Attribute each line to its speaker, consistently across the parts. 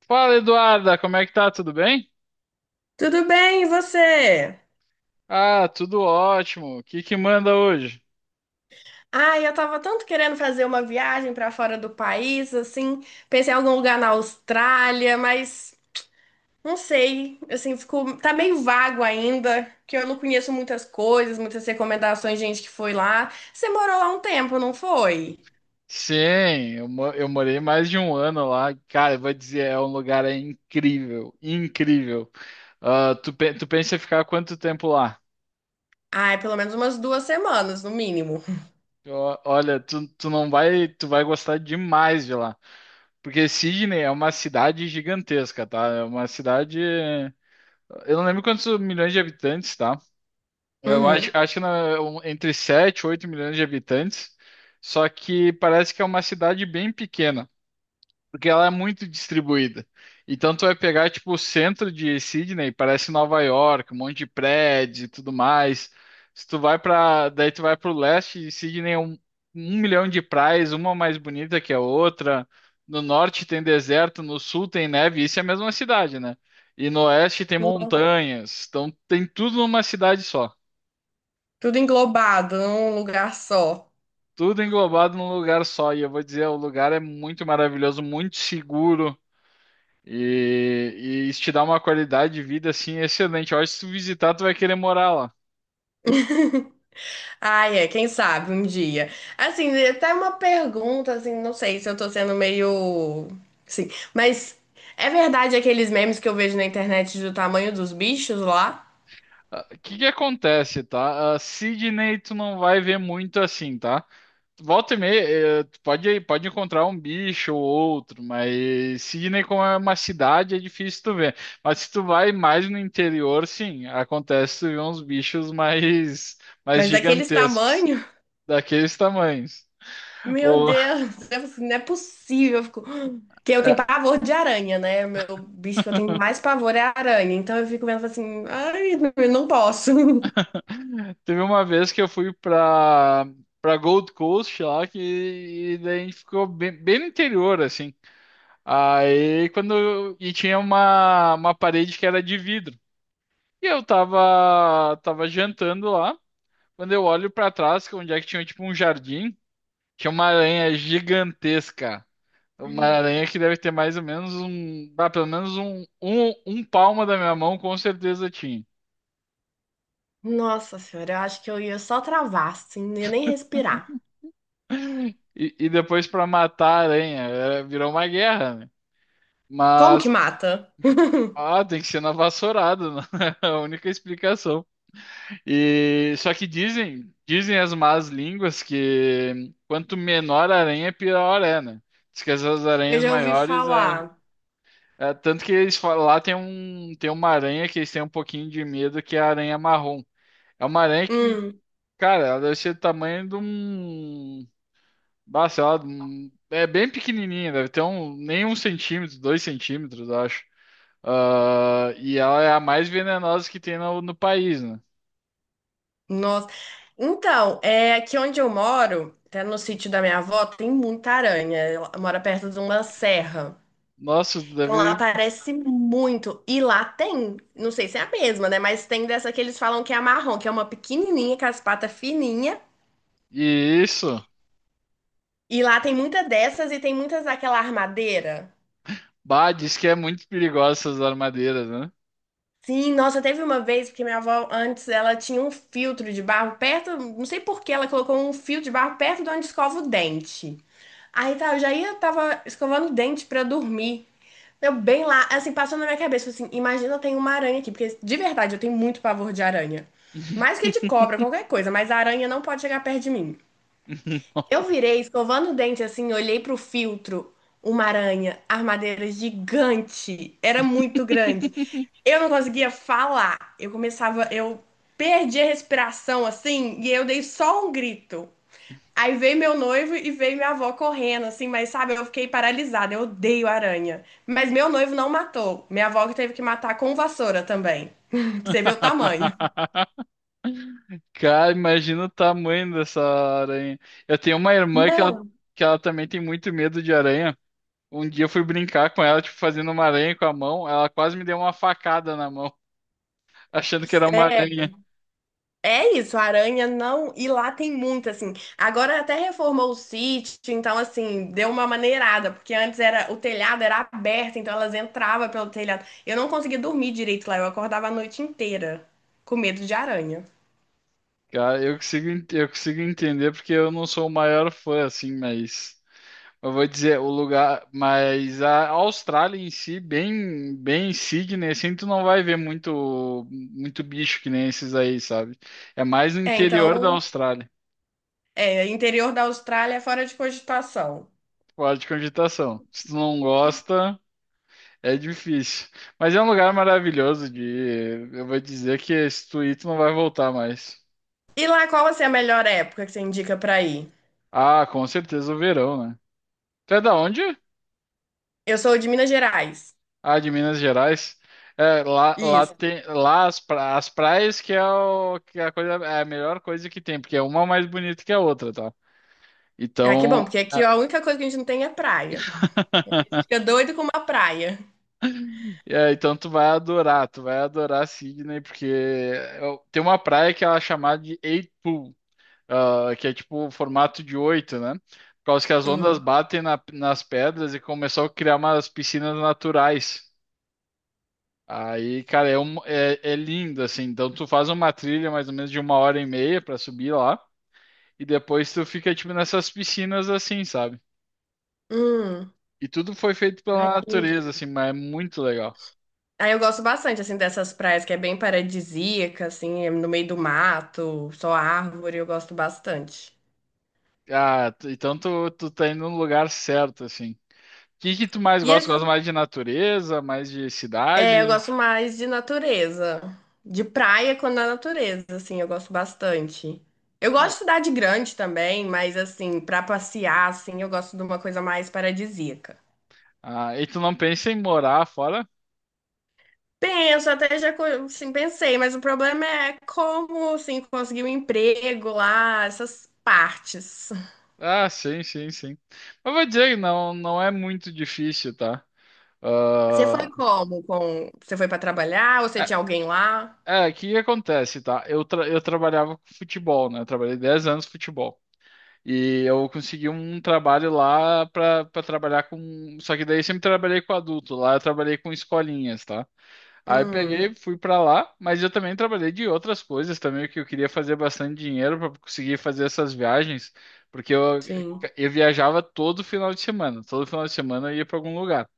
Speaker 1: Fala, Eduarda, como é que tá? Tudo bem?
Speaker 2: Tudo bem, e você?
Speaker 1: Ah, tudo ótimo. O que que manda hoje?
Speaker 2: Ai, eu tava tanto querendo fazer uma viagem pra fora do país, assim, pensei em algum lugar na Austrália, mas não sei, assim, tá meio vago ainda, que eu não conheço muitas coisas, muitas recomendações de gente que foi lá. Você morou lá um tempo, não foi?
Speaker 1: Sim, eu morei mais de um ano lá. Cara, eu vou dizer, é um lugar é incrível, incrível. Ah, tu pensa em ficar quanto tempo lá?
Speaker 2: Ai, pelo menos umas duas semanas, no mínimo.
Speaker 1: Olha, tu não vai, tu vai gostar demais de lá. Porque Sydney é uma cidade gigantesca, tá? É uma cidade. Eu não lembro quantos milhões de habitantes, tá? Eu acho,
Speaker 2: Uhum.
Speaker 1: acho que entre 7 e 8 milhões de habitantes, só que parece que é uma cidade bem pequena, porque ela é muito distribuída. Então tu vai pegar tipo o centro de Sydney, parece Nova York, um monte de prédios e tudo mais. Se tu vai para, daí tu vai para o leste, e Sydney é um milhão de praias, uma mais bonita que a outra. No norte tem deserto, no sul tem neve, isso é a mesma cidade, né? E no oeste tem montanhas, então tem tudo numa cidade só.
Speaker 2: Tudo englobado num lugar só.
Speaker 1: Tudo englobado num lugar só. E, eu vou dizer, o lugar é muito maravilhoso, muito seguro. E, e isso te dá uma qualidade de vida assim excelente. Eu acho que se tu visitar, tu vai querer morar lá.
Speaker 2: Ai, é, quem sabe um dia. Assim, é até uma pergunta, assim, não sei se eu tô sendo meio. Sim, mas é verdade aqueles memes que eu vejo na internet do tamanho dos bichos lá?
Speaker 1: Ah, o que que acontece, tá? Ah, Sydney tu não vai ver muito assim, tá? Volta e meia, tu pode, encontrar um bicho ou outro, mas Sydney como é uma cidade é difícil tu ver. Mas se tu vai mais no interior, sim, acontece tu ver uns bichos mais,
Speaker 2: Mas daqueles
Speaker 1: gigantescos.
Speaker 2: tamanho,
Speaker 1: Daqueles tamanhos.
Speaker 2: meu
Speaker 1: O-
Speaker 2: Deus, eu fico assim, não é possível. Eu fico... Que eu tenho
Speaker 1: é,
Speaker 2: pavor de aranha, né? O meu bicho que eu tenho mais pavor é a aranha. Então eu fico vendo assim, ai, não, eu não posso.
Speaker 1: Teve uma vez que eu fui pra Gold Coast lá, que e daí a gente ficou bem, bem no interior, assim. E tinha uma, parede que era de vidro. E eu tava jantando lá. Quando eu olho pra trás, que é onde é que tinha tipo um jardim, tinha uma aranha gigantesca. Uma aranha que deve ter mais ou menos um. Pelo menos um palmo da minha mão, com certeza tinha.
Speaker 2: Nossa senhora, eu acho que eu ia só travar, assim, não ia nem respirar.
Speaker 1: E depois pra matar a aranha, é, virou uma guerra, né?
Speaker 2: Como que
Speaker 1: Mas,
Speaker 2: mata?
Speaker 1: tem que ser na vassourada, né? É a única explicação. E só que dizem as más línguas que quanto menor a aranha, pior é, né? Diz que essas
Speaker 2: Eu
Speaker 1: aranhas
Speaker 2: já ouvi
Speaker 1: maiores é,
Speaker 2: falar.
Speaker 1: tanto que eles falam, lá tem uma aranha que eles têm um pouquinho de medo que é a aranha marrom. É uma aranha que,
Speaker 2: Hum,
Speaker 1: cara, ela deve ser do tamanho de um. Nossa, ela é bem pequenininha, deve ter um, nem 1 centímetro, 2 centímetros, acho. Ah, e ela é a mais venenosa que tem no, no país, né?
Speaker 2: nossa. Então, é aqui onde eu moro, até no sítio da minha avó, tem muita aranha. Ela mora perto de uma serra.
Speaker 1: Nossa,
Speaker 2: Então lá
Speaker 1: deve.
Speaker 2: aparece muito. E lá tem, não sei se é a mesma, né? Mas tem dessa que eles falam que é a marrom, que é uma pequenininha com as patas fininhas.
Speaker 1: E isso.
Speaker 2: E lá tem muita dessas e tem muitas daquela armadeira.
Speaker 1: Bah, diz que é muito perigosa essas armadeiras, né?
Speaker 2: Sim, nossa, teve uma vez, porque minha avó antes ela tinha um filtro de barro perto, não sei por que ela colocou um fio de barro perto de onde escova o dente. Aí tá, eu já ia, tava escovando o dente pra dormir. Eu bem lá, assim, passou na minha cabeça, assim, imagina, eu tenho uma aranha aqui, porque de verdade eu tenho muito pavor de aranha. Mais que de cobra, qualquer coisa, mas a aranha não pode chegar perto de mim. Eu virei, escovando o dente assim, olhei pro filtro, uma aranha, armadeira gigante, era muito grande. Eu não conseguia falar, eu começava, eu perdi a respiração assim, e eu dei só um grito. Aí veio meu noivo e veio minha avó correndo, assim, mas sabe, eu fiquei paralisada, eu odeio aranha. Mas meu noivo não matou, minha avó que teve que matar com vassoura também, pra você ver o tamanho.
Speaker 1: Cara, imagina o tamanho dessa aranha. Eu tenho uma irmã
Speaker 2: Não.
Speaker 1: que ela também tem muito medo de aranha. Um dia eu fui brincar com ela, tipo, fazendo uma aranha com a mão. Ela quase me deu uma facada na mão, achando que era uma aranha.
Speaker 2: É isso, a aranha não. E lá tem muita, assim. Agora até reformou o sítio, então, assim, deu uma maneirada, porque antes era o telhado era aberto, então elas entravam pelo telhado. Eu não conseguia dormir direito lá, eu acordava a noite inteira com medo de aranha.
Speaker 1: Cara, eu consigo entender porque eu não sou o maior fã, assim, mas eu vou dizer, o lugar, mas a Austrália em si, bem, bem Sydney, assim, tu não vai ver muito, muito bicho que nem esses aí, sabe? É mais no
Speaker 2: É,
Speaker 1: interior da
Speaker 2: então,
Speaker 1: Austrália,
Speaker 2: é, interior da Austrália é fora de cogitação.
Speaker 1: fora de cogitação. Se tu não gosta, é difícil. Mas é um lugar maravilhoso de ir. Eu vou dizer que se tu ir, tu não vai voltar mais.
Speaker 2: E lá, qual assim, é a melhor época que você indica pra ir?
Speaker 1: Ah, com certeza o verão, né? Tu é da onde?
Speaker 2: Eu sou de Minas Gerais.
Speaker 1: Ah, de Minas Gerais. É, lá
Speaker 2: Isso.
Speaker 1: tem lá as praias que é, o, que é a coisa, é a melhor coisa que tem, porque é uma mais bonita que a outra, tá?
Speaker 2: Ah, que
Speaker 1: Então,
Speaker 2: bom, porque aqui
Speaker 1: ah,
Speaker 2: a única coisa que a gente não tem é praia. Fica doido com uma praia.
Speaker 1: é, então tu vai adorar Sydney, porque tem uma praia que ela é chamada de Eight Pool, ah, que é tipo o formato de oito, né? Por causa que as ondas
Speaker 2: Hum.
Speaker 1: batem nas pedras e começou a criar umas piscinas naturais. Aí, cara, é lindo, assim. Então, tu faz uma trilha mais ou menos de uma hora e meia pra subir lá. E depois tu fica, tipo, nessas piscinas, assim, sabe?
Speaker 2: Hum.
Speaker 1: E tudo foi feito
Speaker 2: Ai,
Speaker 1: pela
Speaker 2: que lindo.
Speaker 1: natureza, assim, mas é muito legal.
Speaker 2: Aí eu gosto bastante, assim, dessas praias que é bem paradisíaca, assim, é no meio do mato, só árvore, eu gosto bastante.
Speaker 1: Ah, então tu tá indo no lugar certo, assim. O que que tu mais
Speaker 2: E
Speaker 1: gosta?
Speaker 2: as-
Speaker 1: Gosta mais de natureza, mais de
Speaker 2: É, eu
Speaker 1: cidade?
Speaker 2: gosto mais de natureza, de praia quando a natureza, assim, eu gosto bastante. Eu gosto de cidade grande também, mas, assim, pra passear, assim, eu gosto de uma coisa mais paradisíaca.
Speaker 1: Ah, e tu não pensa em morar fora?
Speaker 2: Penso, até já, assim, pensei, mas o problema é como, assim, conseguir um emprego lá, essas partes.
Speaker 1: Ah, sim, sim, sim. Mas vou dizer que não, não é muito difícil, tá?
Speaker 2: Você foi como? Com... Você foi pra trabalhar? Ou você
Speaker 1: Ah,
Speaker 2: tinha alguém lá?
Speaker 1: O que que acontece, tá? Eu trabalhava com futebol, né? Eu trabalhei 10 anos com futebol. E eu consegui um trabalho lá pra trabalhar com. Só que daí eu sempre trabalhei com adulto. Lá eu trabalhei com escolinhas, tá? Aí eu
Speaker 2: Hum,
Speaker 1: peguei, fui pra lá, mas eu também trabalhei de outras coisas também, que eu queria fazer bastante dinheiro pra conseguir fazer essas viagens, porque eu,
Speaker 2: sim.
Speaker 1: eu viajava todo final de semana. Todo final de semana eu ia pra algum lugar.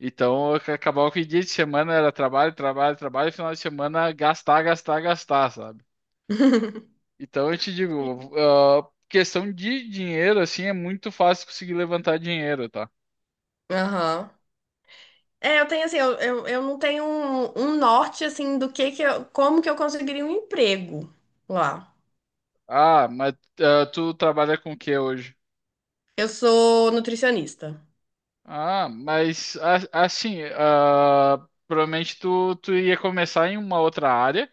Speaker 1: Então, acabava que dia de semana era trabalho, trabalho, trabalho, e final de semana gastar, gastar, gastar, sabe? Então, eu te digo, questão de dinheiro, assim, é muito fácil conseguir levantar dinheiro, tá?
Speaker 2: Aham. É, eu tenho assim, eu não tenho um norte assim do que eu, como que eu conseguiria um emprego lá.
Speaker 1: Ah, mas tu trabalha com o que hoje?
Speaker 2: Eu sou nutricionista.
Speaker 1: Ah, mas assim, provavelmente tu ia começar em uma outra área,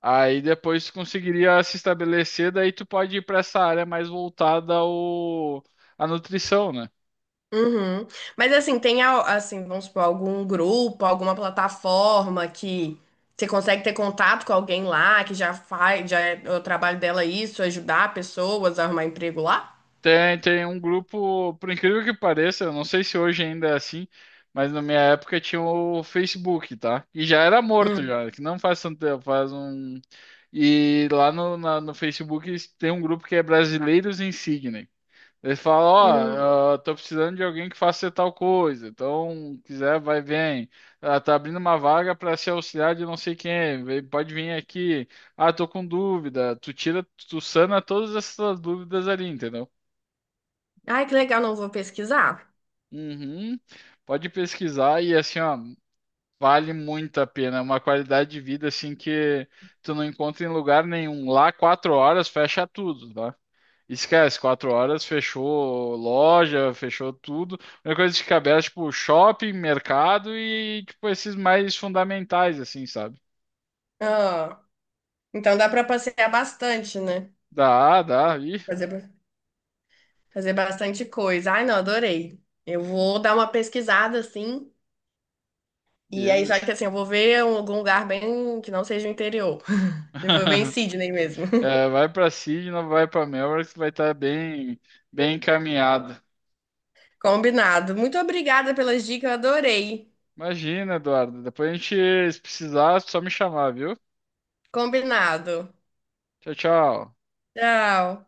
Speaker 1: aí depois tu conseguiria se estabelecer, daí tu pode ir para essa área mais voltada ao, à nutrição, né?
Speaker 2: Uhum. Mas assim, assim, vamos supor, algum grupo, alguma plataforma que você consegue ter contato com alguém lá que já faz, já é o trabalho dela é isso, ajudar pessoas a arrumar emprego lá?
Speaker 1: Tem um grupo, por incrível que pareça, eu não sei se hoje ainda é assim, mas na minha época tinha o Facebook, tá? E já era morto já, que não faz tanto tempo, faz um. E lá no Facebook tem um grupo que é Brasileiros Insigne. Eles falam,
Speaker 2: Hum.
Speaker 1: ó, eu tô precisando de alguém que faça tal coisa, então quiser, vai, vem. Ah, tá abrindo uma vaga para ser auxiliar de não sei quem, pode vir aqui. Ah, tô com dúvida. Tu tira, tu sana todas essas dúvidas ali, entendeu?
Speaker 2: Ai, que legal, não vou pesquisar.
Speaker 1: Uhum. Pode pesquisar e assim, ó, vale muito a pena. É uma qualidade de vida assim que tu não encontra em lugar nenhum. Lá, 4 horas fecha tudo, tá? Esquece, 4 horas fechou loja, fechou tudo. A única coisa que fica aberta, é, tipo, shopping, mercado e tipo esses mais fundamentais, assim, sabe?
Speaker 2: Ah, então dá pra passear bastante, né?
Speaker 1: Dá, dá, ih,
Speaker 2: Fazer, ba- fazer bastante coisa. Ai, não, adorei. Eu vou dar uma pesquisada assim. E aí,
Speaker 1: beleza.
Speaker 2: só que assim, eu vou ver algum lugar bem que não seja o interior. Eu vou ver em Sydney mesmo.
Speaker 1: É, vai pra Sydney, vai pra Melbourne, que tu vai estar bem, bem encaminhado.
Speaker 2: Combinado. Muito obrigada pelas dicas, eu adorei.
Speaker 1: Imagina, Eduardo. Depois a gente, se precisar, é só me chamar, viu?
Speaker 2: Combinado.
Speaker 1: Tchau, tchau.
Speaker 2: Tchau.